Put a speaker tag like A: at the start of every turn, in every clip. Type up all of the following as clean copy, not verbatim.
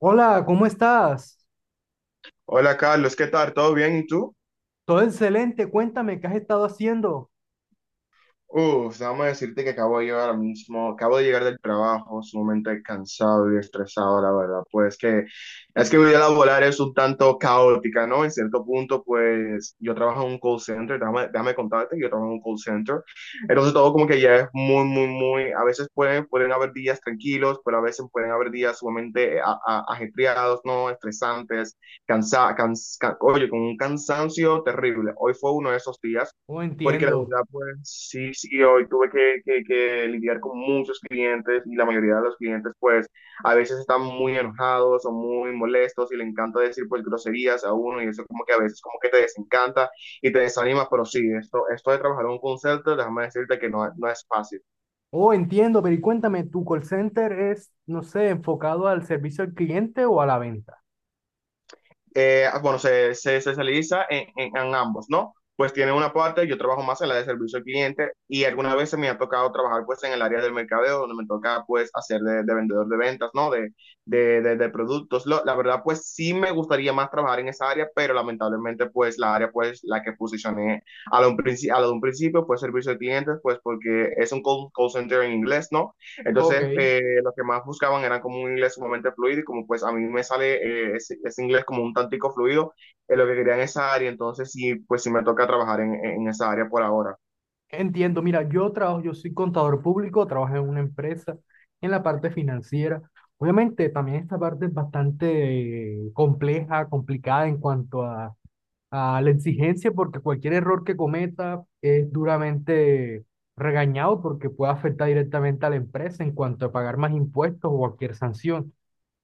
A: Hola, ¿cómo estás?
B: Hola Carlos, ¿qué tal? ¿Todo bien? ¿Y tú?
A: Todo excelente, cuéntame qué has estado haciendo.
B: Uf, déjame decirte que acabo de llegar al mismo, acabo de llegar del trabajo, sumamente cansado y estresado, la verdad. Pues que es que mi vida laboral es un tanto caótica, ¿no? En cierto punto, pues yo trabajo en un call center, déjame contarte, que yo trabajo en un call center. Entonces todo como que ya es muy, muy, muy, a veces pueden haber días tranquilos, pero a veces pueden haber días sumamente ajetreados, ¿no? Estresantes, oye, con un cansancio terrible. Hoy fue uno de esos días.
A: Oh,
B: Porque la
A: entiendo.
B: verdad, pues sí, sí, hoy tuve que lidiar con muchos clientes y la mayoría de los clientes, pues a veces están muy enojados o muy molestos y le encanta decir, pues, groserías a uno y eso como que a veces como que te desencanta y te desanima, pero sí, esto de trabajar en un call center, déjame decirte que no, no es fácil.
A: Oh, entiendo, pero y cuéntame, ¿tu call center es, no sé, enfocado al servicio al cliente o a la venta?
B: Bueno, se especializa en ambos, ¿no? Pues tiene una parte, yo trabajo más en la de servicio al cliente y algunas veces me ha tocado trabajar pues en el área del mercadeo, donde me toca pues hacer de vendedor de ventas, ¿no? De productos. La verdad pues sí me gustaría más trabajar en esa área, pero lamentablemente pues la área pues la que posicioné a lo de un principio pues servicio al cliente, pues porque es un call center en inglés, ¿no?
A: Ok,
B: Entonces, lo que más buscaban era como un inglés sumamente fluido y como pues a mí me sale ese inglés como un tantico fluido, es lo que quería en esa área, entonces sí, pues sí me toca trabajar en esa área por ahora.
A: entiendo. Mira, yo trabajo, yo soy contador público, trabajo en una empresa en la parte financiera. Obviamente, también esta parte es bastante compleja, complicada en cuanto a la exigencia porque cualquier error que cometa es duramente regañado porque puede afectar directamente a la empresa en cuanto a pagar más impuestos o cualquier sanción.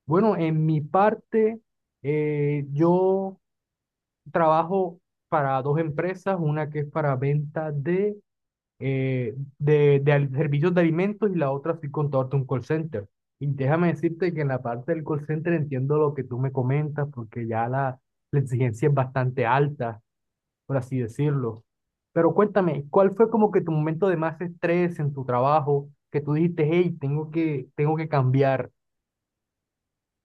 A: Bueno, en mi parte, yo trabajo para dos empresas, una que es para venta de servicios de alimentos y la otra soy contador de un call center. Y déjame decirte que en la parte del call center entiendo lo que tú me comentas porque ya la exigencia es bastante alta por así decirlo. Pero cuéntame, ¿cuál fue como que tu momento de más estrés en tu trabajo que tú dijiste, hey, tengo que cambiar?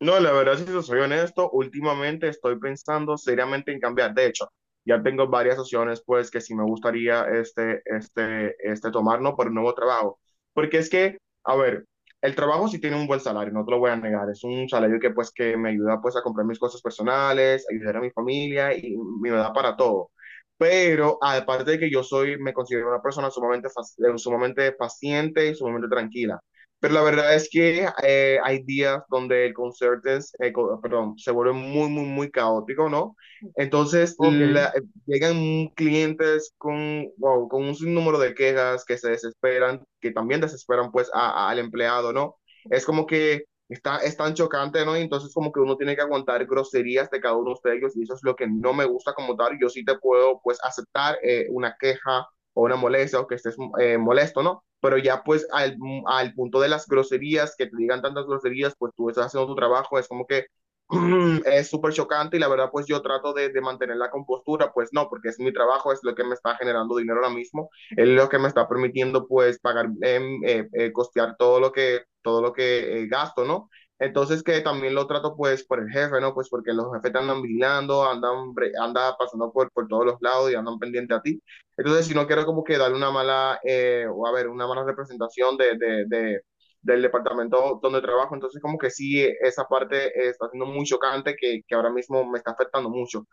B: No, la verdad, si te soy honesto, últimamente estoy pensando seriamente en cambiar. De hecho, ya tengo varias opciones, pues, que sí me gustaría este tomar, ¿no? Por un nuevo trabajo. Porque es que, a ver, el trabajo sí tiene un buen salario, no te lo voy a negar. Es un salario que, pues, que me ayuda, pues, a comprar mis cosas personales, ayudar a mi familia y me da para todo. Pero, aparte de que yo soy, me considero una persona sumamente paciente y sumamente tranquila. Pero la verdad es que hay días donde el concierto es, perdón, se vuelve muy, muy, muy caótico, ¿no? Entonces
A: Ok,
B: la- Llegan clientes con, wow, con un sinnúmero de quejas que se desesperan, que también desesperan pues al empleado, ¿no? Es como que está, es tan chocante, ¿no? Y entonces como que uno tiene que aguantar groserías de cada uno de ellos y eso es lo que no me gusta como tal. Yo sí te puedo pues aceptar una queja o una molestia o que estés molesto, ¿no? Pero ya pues punto de las groserías, que te digan tantas groserías, pues tú estás haciendo tu trabajo, es como que es súper chocante y la verdad pues yo trato mantener la compostura, pues no, porque es mi trabajo, es lo que me está generando dinero ahora mismo, es lo que me está permitiendo pues pagar, costear todo lo que gasto, ¿no? Entonces que también lo trato pues por el jefe, ¿no? Pues porque los jefes te andan vigilando, andan pasando por todos los lados y andan pendiente a ti. Entonces, si no quiero como que darle una mala, o a ver, una mala representación del departamento donde trabajo, entonces como que sí, esa parte está siendo muy chocante que ahora mismo me está afectando mucho.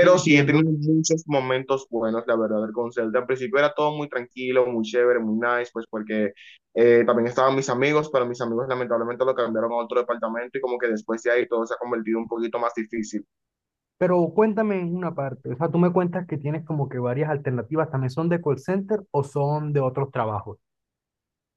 A: sí,
B: sí, he tenido
A: entiendo.
B: muchos momentos buenos, la verdad, con Zelda. Al principio era todo muy tranquilo, muy chévere, muy nice, pues porque también estaban mis amigos, pero mis amigos lamentablemente lo cambiaron a otro departamento y como que después de ahí todo se ha convertido un poquito más difícil.
A: Pero cuéntame en una parte, o sea, tú me cuentas que tienes como que varias alternativas, ¿también son de call center o son de otros trabajos?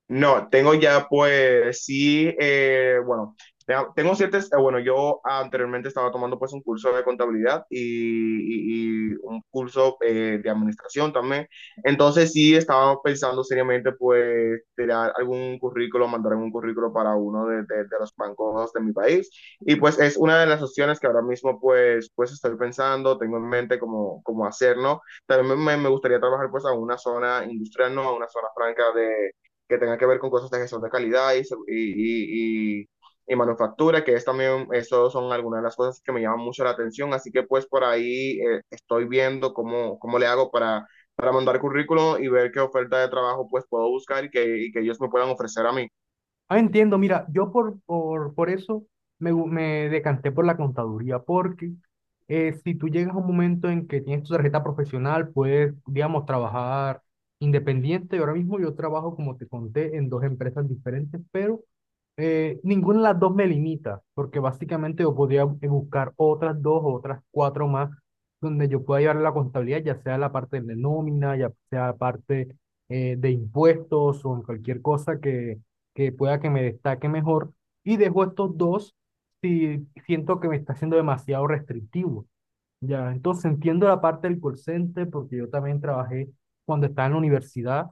B: No, tengo ya pues sí, bueno, tengo ciertas, bueno, yo anteriormente estaba tomando pues un curso de contabilidad y un curso de administración también, entonces sí estaba pensando seriamente pues tirar algún currículo, mandar algún currículo para uno de los bancos de mi país y pues es una de las opciones que ahora mismo pues, pues estoy pensando, tengo en mente cómo hacer, ¿no? También me gustaría trabajar pues a una zona industrial, ¿no? A una zona franca que tenga que ver con cosas de gestión de calidad y manufactura, que es también, eso son algunas de las cosas que me llaman mucho la atención, así que pues por ahí estoy viendo cómo le hago para mandar currículum y ver qué oferta de trabajo pues puedo buscar y que ellos me puedan ofrecer a mí.
A: Ah, entiendo, mira, yo por eso me decanté por la contaduría, porque si tú llegas a un momento en que tienes tu tarjeta profesional, puedes, digamos, trabajar independiente. Ahora mismo yo trabajo, como te conté, en dos empresas diferentes, pero ninguna de las dos me limita, porque básicamente yo podría buscar otras dos o otras cuatro más donde yo pueda llevar la contabilidad, ya sea la parte de nómina, ya sea la parte de impuestos o en cualquier cosa que pueda que me destaque mejor y dejo estos dos si siento que me está siendo demasiado restrictivo. Ya, entonces entiendo la parte del call center porque yo también trabajé cuando estaba en la universidad,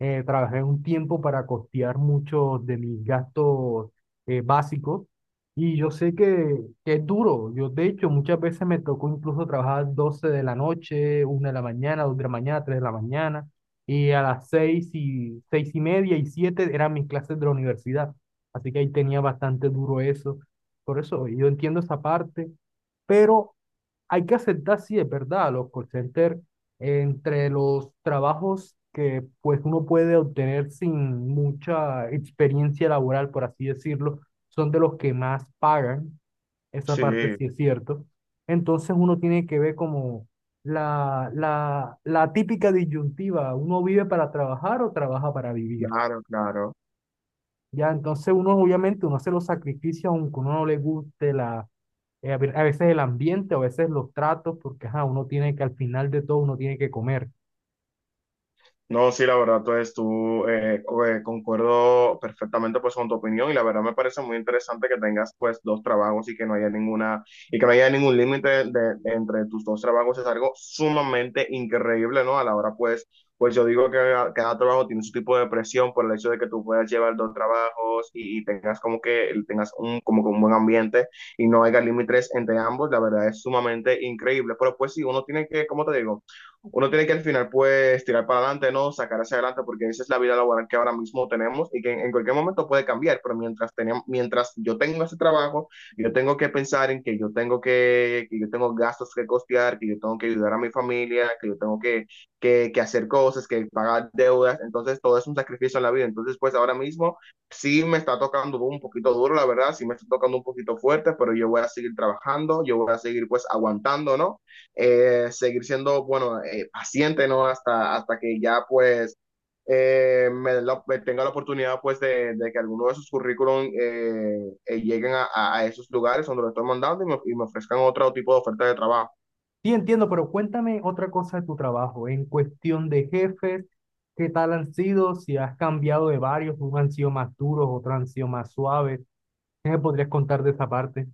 A: trabajé un tiempo para costear muchos de mis gastos básicos y yo sé que es duro. Yo, de hecho, muchas veces me tocó incluso trabajar 12 de la noche, 1 de la mañana, 2 de la mañana, 3 de la mañana y a las 6 y 6:30 y 7 eran mis clases de la universidad. Así que ahí tenía bastante duro eso. Por eso yo entiendo esa parte. Pero hay que aceptar, sí, es verdad, los call centers, entre los trabajos que pues uno puede obtener sin mucha experiencia laboral, por así decirlo, son de los que más pagan, esa parte
B: Sí,
A: sí es cierto. Entonces uno tiene que ver como la típica disyuntiva, uno vive para trabajar o trabaja para vivir.
B: claro, claro.
A: Ya, entonces uno obviamente uno hace los sacrificios aunque uno no le guste a veces el ambiente, a veces los tratos, porque ajá, uno tiene que al final de todo uno tiene que comer.
B: No, sí, la verdad, pues tú concuerdo perfectamente pues con tu opinión y la verdad me parece muy interesante que tengas pues dos trabajos y que no haya ninguna y que no haya ningún límite entre tus dos trabajos es algo sumamente increíble, ¿no? A la hora pues pues yo digo que cada, cada trabajo tiene su tipo de presión por el hecho de que tú puedas llevar dos trabajos y tengas como que tengas un como que un buen ambiente y no haya límites entre ambos, la verdad es sumamente increíble, pero pues sí, uno tiene que, como te digo? Uno tiene que al final pues tirar para adelante, ¿no? Sacar hacia adelante porque esa es la vida laboral que ahora mismo tenemos y que en cualquier momento puede cambiar, pero mientras, mientras yo tengo ese trabajo, yo tengo que pensar en que yo tengo que yo tengo gastos que costear, que yo tengo que ayudar a mi familia, que yo tengo que, que hacer cosas, que pagar deudas, entonces todo es un sacrificio en la vida, entonces pues ahora mismo sí me está tocando un poquito duro, la verdad, sí me está tocando un poquito fuerte, pero yo voy a seguir trabajando, yo voy a seguir pues aguantando, ¿no? Seguir siendo, bueno, paciente, ¿no? Hasta, hasta que ya, pues, me tenga la oportunidad, pues, de que alguno de sus currículum lleguen a esos lugares donde lo estoy mandando y me ofrezcan otro tipo de oferta de trabajo.
A: Sí, entiendo, pero cuéntame otra cosa de tu trabajo, en cuestión de jefes, ¿qué tal han sido? Si has cambiado de varios, unos han sido más duros, otros han sido más suaves. ¿Qué me podrías contar de esa parte?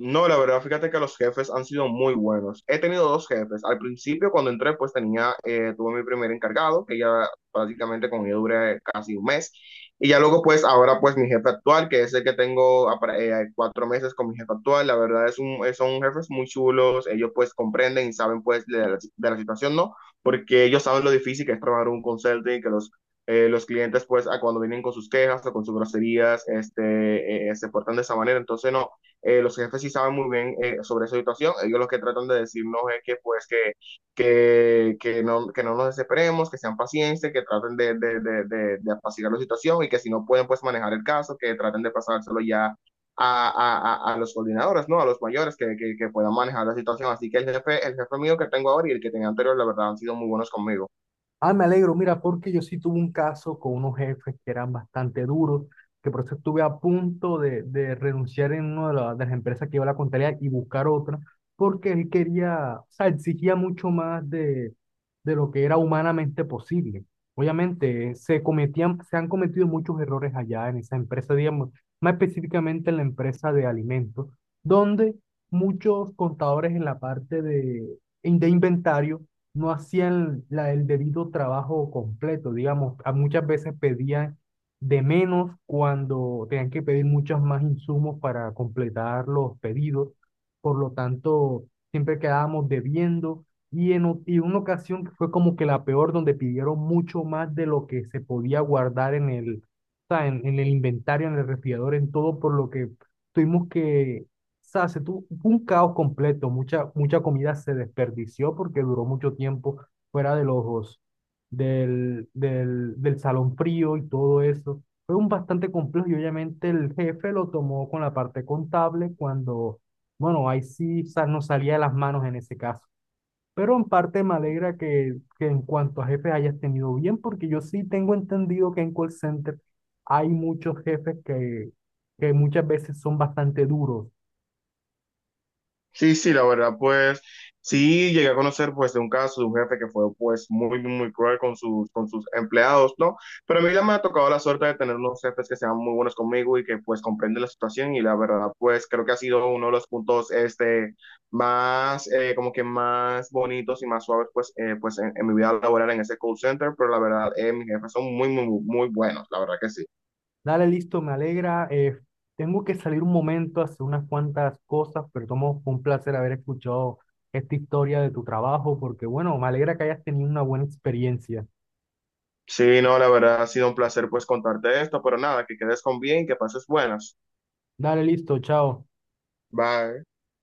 B: No, la verdad, fíjate que los jefes han sido muy buenos. He tenido dos jefes. Al principio, cuando entré, pues tenía, tuve mi primer encargado, que ya prácticamente con ella duré casi un mes. Y ya luego, pues ahora, pues mi jefe actual, que es el que tengo cuatro meses con mi jefe actual, la verdad es un, son jefes muy chulos. Ellos pues comprenden y saben pues de la situación, ¿no? Porque ellos saben lo difícil que es trabajar un consulting, que los clientes, pues, a cuando vienen con sus quejas o con sus groserías, este, se portan de esa manera. Entonces, no, los jefes sí saben muy bien sobre esa situación, ellos lo que tratan de decirnos es que pues que no nos desesperemos, que sean pacientes, que traten de apaciguar la situación y que si no pueden pues manejar el caso, que traten de pasárselo ya a los coordinadores, ¿no? A los mayores que, puedan manejar la situación. Así que el jefe mío que tengo ahora y el que tenía anterior, la verdad, han sido muy buenos conmigo.
A: Ah, me alegro, mira, porque yo sí tuve un caso con unos jefes que eran bastante duros, que por eso estuve a punto de renunciar en una de las empresas que iba a la contabilidad y buscar otra, porque él quería, o sea, exigía mucho más de lo que era humanamente posible. Obviamente, se han cometido muchos errores allá en esa empresa, digamos, más específicamente en la empresa de alimentos, donde muchos contadores en la parte de inventario no hacían el debido trabajo completo, digamos, a muchas veces pedían de menos cuando tenían que pedir muchos más insumos para completar los pedidos, por lo tanto, siempre quedábamos debiendo y y una ocasión que fue como que la peor, donde pidieron mucho más de lo que se podía guardar o sea, en el inventario, en el refrigerador, en todo, por lo que tuvimos que o sea, se tuvo fue un caos completo, mucha comida se desperdició porque duró mucho tiempo fuera de los, del salón frío y todo eso. Fue un bastante complejo y obviamente el jefe lo tomó con la parte contable cuando, bueno, ahí sí nos salía de las manos en ese caso. Pero en parte me alegra que en cuanto a jefes hayas tenido bien, porque yo sí tengo entendido que en call center hay muchos jefes que muchas veces son bastante duros.
B: Sí, sí, la verdad, pues sí llegué a conocer pues de un caso de un jefe que fue pues muy, muy cruel con sus empleados, ¿no? Pero a mí ya me ha tocado la suerte de tener unos jefes que sean muy buenos conmigo y que pues comprenden la situación y la verdad, pues creo que ha sido uno de los puntos este más, como que más bonitos y más suaves pues, pues en mi vida laboral en ese call center, pero la verdad, mis jefes son muy, muy, muy buenos, la verdad que sí.
A: Dale, listo, me alegra. Tengo que salir un momento a hacer unas cuantas cosas, pero tomo fue un placer haber escuchado esta historia de tu trabajo, porque bueno, me alegra que hayas tenido una buena experiencia.
B: Sí, no, la verdad ha sido un placer pues contarte esto, pero nada, que quedes con bien, que pases buenas.
A: Dale, listo, chao.
B: Bye.